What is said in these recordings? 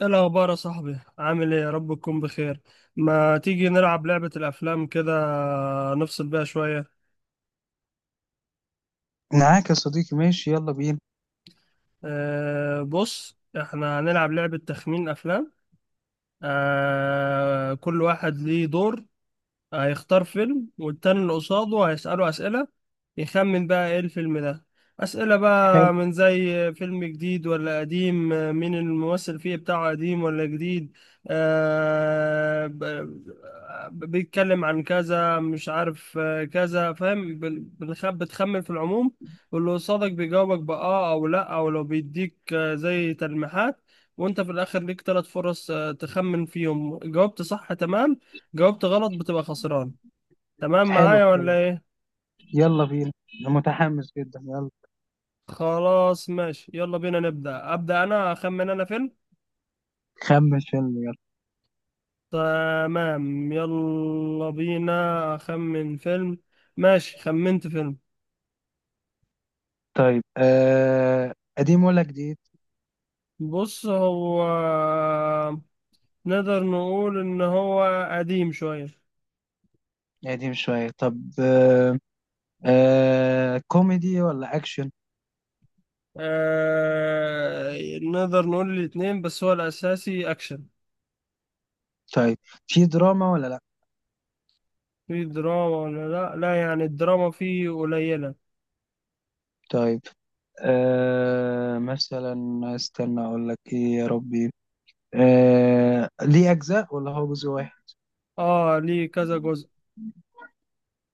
ايه الاخبار يا صاحبي؟ عامل ايه؟ يا رب تكون بخير. ما تيجي نلعب لعبة الافلام كده؟ نفصل بيها شوية. معاك يا صديقي، ماشي، يلا بينا. بص احنا هنلعب لعبة تخمين افلام. كل واحد ليه دور، هيختار فيلم، والتاني اللي قصاده هيسأله أسئلة يخمن بقى إيه الفيلم ده. أسئلة حلو بقى من زي فيلم جديد ولا قديم، مين الممثل فيه بتاعه، قديم ولا جديد. آه ب- بيتكلم عن كذا مش عارف، كذا فاهم، بتخمن في العموم. واللي قصادك بيجاوبك بآه أو لأ، أو لو بيديك زي تلميحات. وأنت في الآخر ليك تلات فرص تخمن فيهم. جاوبت صح تمام، جاوبت غلط بتبقى خسران. تمام حلو معايا الكلام. ولا ايه؟ يلا بينا. أنا متحمس جدا، يلا. خلاص ماشي، يلا بينا أبدأ انا، اخمن انا فيلم. خمن فيلم، يلا. تمام يلا بينا. اخمن فيلم. ماشي، خمنت فيلم. طيب، قديم ولا جديد؟ بص هو نقدر نقول ان هو قديم شوية. قديم شوية. طب، كوميدي ولا أكشن؟ نقدر نقول الاتنين، بس هو الاساسي اكشن. طيب، في دراما ولا لأ؟ في دراما ولا لا، لا يعني الدراما فيه قليلة. طيب، مثلا. استنى أقول لك إيه يا ربي. ليه أجزاء ولا هو جزء واحد؟ اه ليه كذا جزء.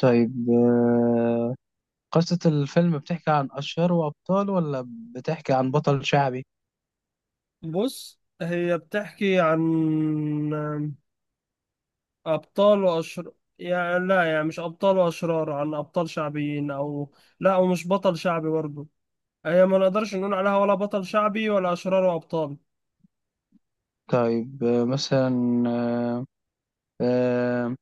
طيب، قصة الفيلم بتحكي عن أشهره وأبطاله ولا بتحكي عن بطل شعبي؟ بص هي بتحكي عن أبطال وأشرار. يعني لا، يعني مش أبطال وأشرار عن أبطال شعبيين، أو لا ومش بطل شعبي برضه. هي ما نقدرش نقول عليها ولا بطل شعبي ولا أشرار وأبطال. طيب، مثلا. آه، آه،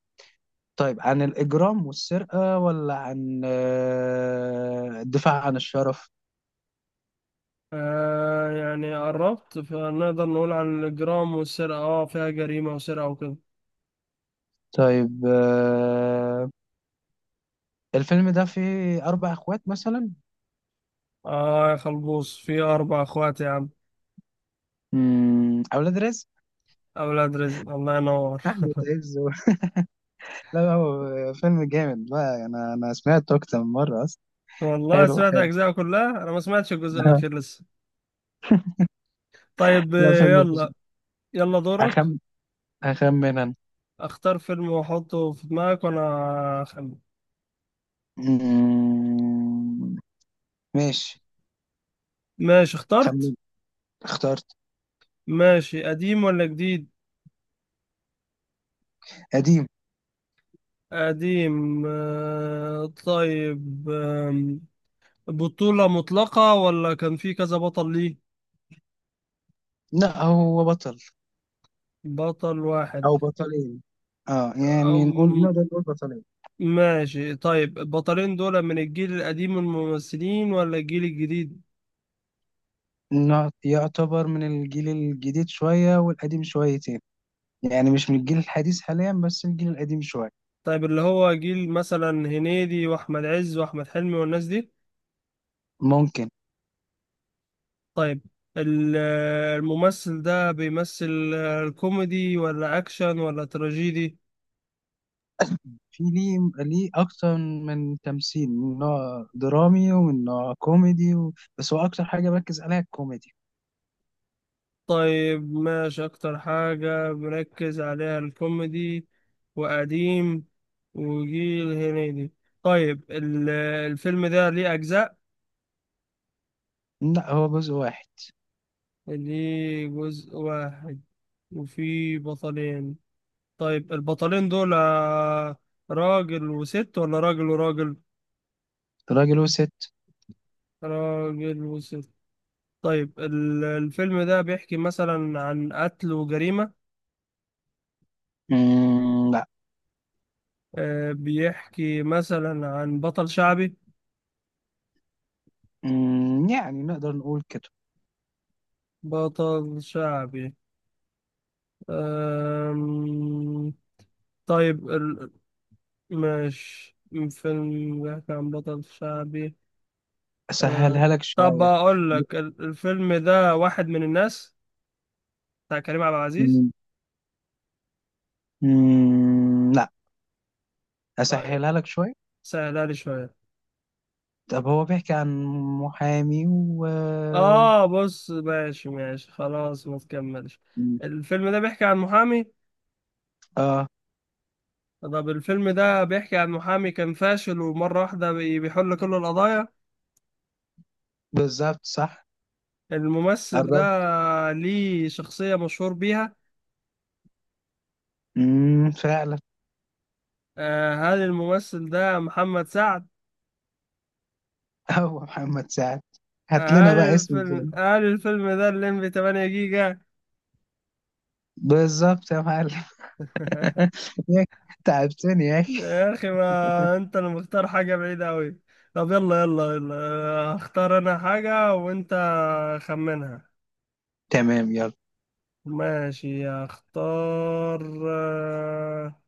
طيب، عن الإجرام والسرقة ولا عن الدفاع عن الشرف؟ يعني قربت، فنقدر نقول عن الإجرام والسرقة، اه فيها جريمة وسرقة وكده. طيب، الفيلم ده فيه أربع أخوات مثلا. اه يا خلبوص، في أربع أخوات يا عم. أولاد رزق. أولاد رزق، الله ينور. أحمد عز لا لا، هو فيلم جامد بقى. أنا سمعته أكتر من مرة أصلا. والله حلو سمعت حلو. أجزاء كلها أنا، ما سمعتش الجزء الأخير لسه. طيب لا، فيلم. يلا. يلا دورك. أخمن أخمن أنا. اختار فيلم واحطه في دماغك وانا اخمن. مم، ماشي. ماشي خمن. اخترت. اخترت. ماشي، قديم ولا جديد؟ قديم. قديم. طيب، بطولة مطلقة ولا كان في كذا بطل ليه؟ لا، هو بطل. بطل واحد. او بطلين. اه، يعني أم نقدر نقول بطلين. ماشي. طيب البطلين دول من الجيل القديم من الممثلين ولا الجيل الجديد؟ إنه يعتبر من الجيل الجديد شوية والقديم شويتين. يعني مش من الجيل الحديث حاليا، بس الجيل القديم شوية. طيب اللي هو جيل مثلا هنيدي واحمد عز واحمد حلمي والناس دي. ممكن. طيب ال- الممثل ده بيمثل الكوميدي ولا أكشن ولا تراجيدي؟ في ليه ليه أكتر من تمثيل من نوع درامي ومن نوع كوميدي بس هو أكتر حاجة بركز عليها الكوميدي. طيب ماشي، أكتر حاجة مركز عليها الكوميدي، وقديم، وجيل هنيدي. طيب الفيلم ده ليه أجزاء؟ لا، هو جزء واحد. ليه جزء واحد وفيه بطلين. طيب البطلين دول راجل وست ولا راجل وراجل؟ راجل وست. راجل وست. طيب الفيلم ده بيحكي مثلا عن قتل وجريمة؟ مم، لا. بيحكي مثلا عن بطل شعبي؟ يعني نقدر نقول كده. بطل شعبي. آم، طيب مش فيلم بيحكي عن بطل شعبي. آه، أسهلها لك طب شوية. أقول لك، الفيلم ده واحد من الناس، بتاع كريم عبد العزيز. مم. مم، لا. طيب أسهلها لك شوية. سهلها لي شوية. طب، هو بيحكي عن محامي و. بص ماشي ماشي خلاص ما تكملش. الفيلم ده بيحكي عن محامي. اه، طب الفيلم ده بيحكي عن محامي كان فاشل ومرة واحدة بيحل كل القضايا. بالظبط صح. الممثل ده قربت. ليه شخصية مشهور بيها. فعلا. هل الممثل ده محمد سعد؟ هو محمد سعد. هات لنا هل بقى اسم الفيلم الفيلم. هل الفيلم ده الليمبي 8 جيجا؟ بالظبط يا معلم. يا أخي، تعبتني يا اخي. يا أخي، ما أنت اللي مختار حاجة بعيدة أوي. طب يلا يلا يلا، هختار أنا حاجة وأنت خمنها. تمام، يلا. ماشي هختار. آه،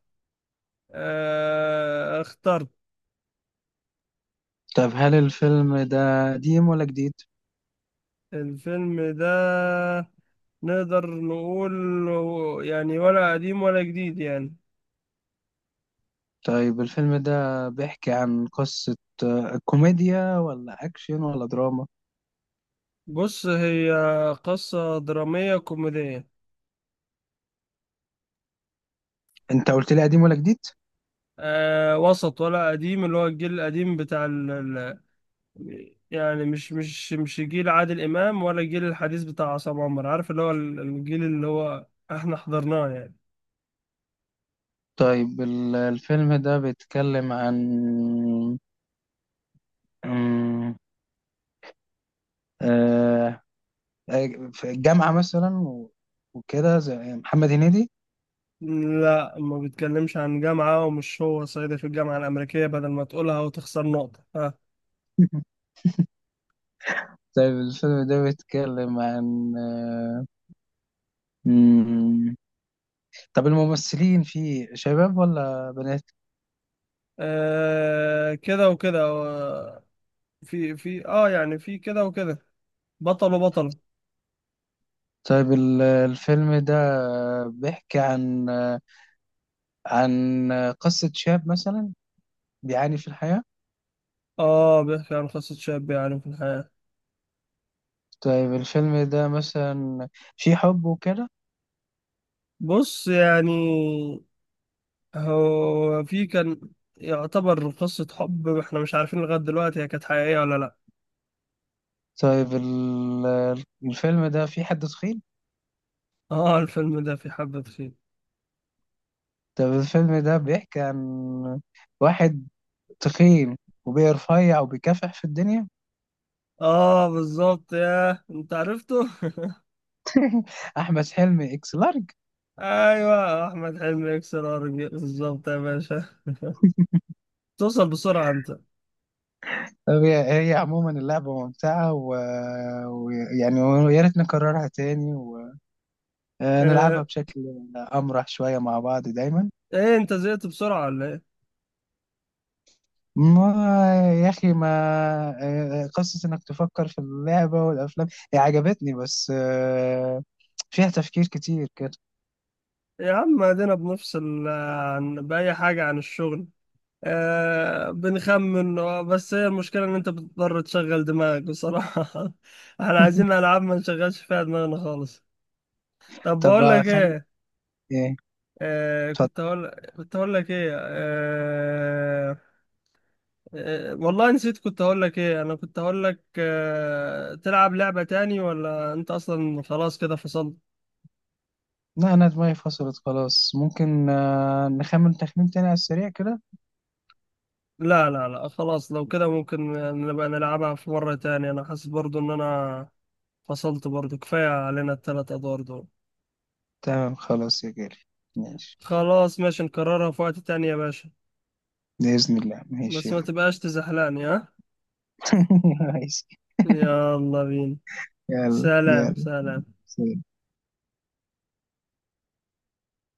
اخترت. طب، هل الفيلم ده قديم ولا جديد؟ الفيلم ده نقدر نقول يعني ولا قديم ولا جديد يعني. طيب، الفيلم ده بيحكي عن قصة كوميديا ولا أكشن ولا دراما؟ بص هي قصة درامية كوميدية. أنت قلت لي قديم ولا جديد؟ وسط ولا قديم، اللي هو الجيل القديم بتاع يعني مش جيل عادل إمام، ولا الجيل الحديث بتاع عصام عمر عارف، اللي هو الجيل اللي هو احنا حضرناه يعني. طيب، الفيلم ده بيتكلم عن آه، في الجامعة مثلا وكده زي محمد هنيدي. لا ما بيتكلمش عن جامعة، ومش هو صعيدي في الجامعة الأمريكية، بدل ما تقولها وتخسر نقطة. طيب، الفيلم ده بيتكلم عن مم، طب الممثلين فيه شباب ولا بنات؟ كده وكده، في يعني في كده وكده، بطل وبطل. طيب، الفيلم ده بيحكي عن عن قصة شاب مثلا بيعاني في الحياة. اه بيحكي عن قصة شاب يعني في الحياة. طيب، الفيلم ده مثلا فيه حب وكده. بص يعني هو في كان يعتبر قصة حب، احنا مش عارفين لغاية دلوقتي هي كانت حقيقية ولا لا. طيب، الفيلم ده فيه حد تخين. اه الفيلم ده في حبة خير. طيب، الفيلم ده بيحكي عن واحد تخين، وبيرفيع، وبيكافح في الدنيا. اه بالظبط يا انت عرفته. احمد حلمي اكس لارج. ايوه احمد حلمي يكسر ارجل بالظبط يا باشا. توصل بسرعة انت. طب، هي عموما اللعبه ممتعه، ويعني ويا ريت نكررها تاني، ونلعبها آه بشكل امرح شويه مع بعض دايما. ايه انت زهقت بسرعة ولا ايه؟ ما يا اخي، ما قصه انك تفكر في اللعبه والافلام هي عجبتني، بس فيها تفكير كتير كده. يا عم ادينا بنفصل عن بأي حاجة عن الشغل. بنخمن، بس هي المشكلة إن أنت بتضطر تشغل دماغك بصراحة. احنا عايزين ألعاب ما نشغلش فيها دماغنا خالص. طب طب بقول لك خم... إيه. ايه. كنت اتفضل. هقول. كنت هقول لك إيه والله نسيت. كنت هقول لك إيه؟ أنا كنت هقول لك تلعب لعبة تاني، ولا أنت أصلا خلاص كده فصلت؟ لا، أنا دماغي فصلت خلاص. ممكن نخمن تخمين تاني على السريع كده. لا لا لا خلاص، لو كده ممكن نبقى نلعبها في مرة تانية. أنا حاسس برضو إن أنا فصلت برضو، كفاية علينا التلات أدوار دول. تمام، خلاص يا جاري. ماشي. خلاص ماشي، نكررها في وقت تاني يا باشا. بإذن الله، بس ماشي. ما تبقاش تزحلقني ها. ماشي. يلا بينا. يلا سلام يلا. سلام. سلام.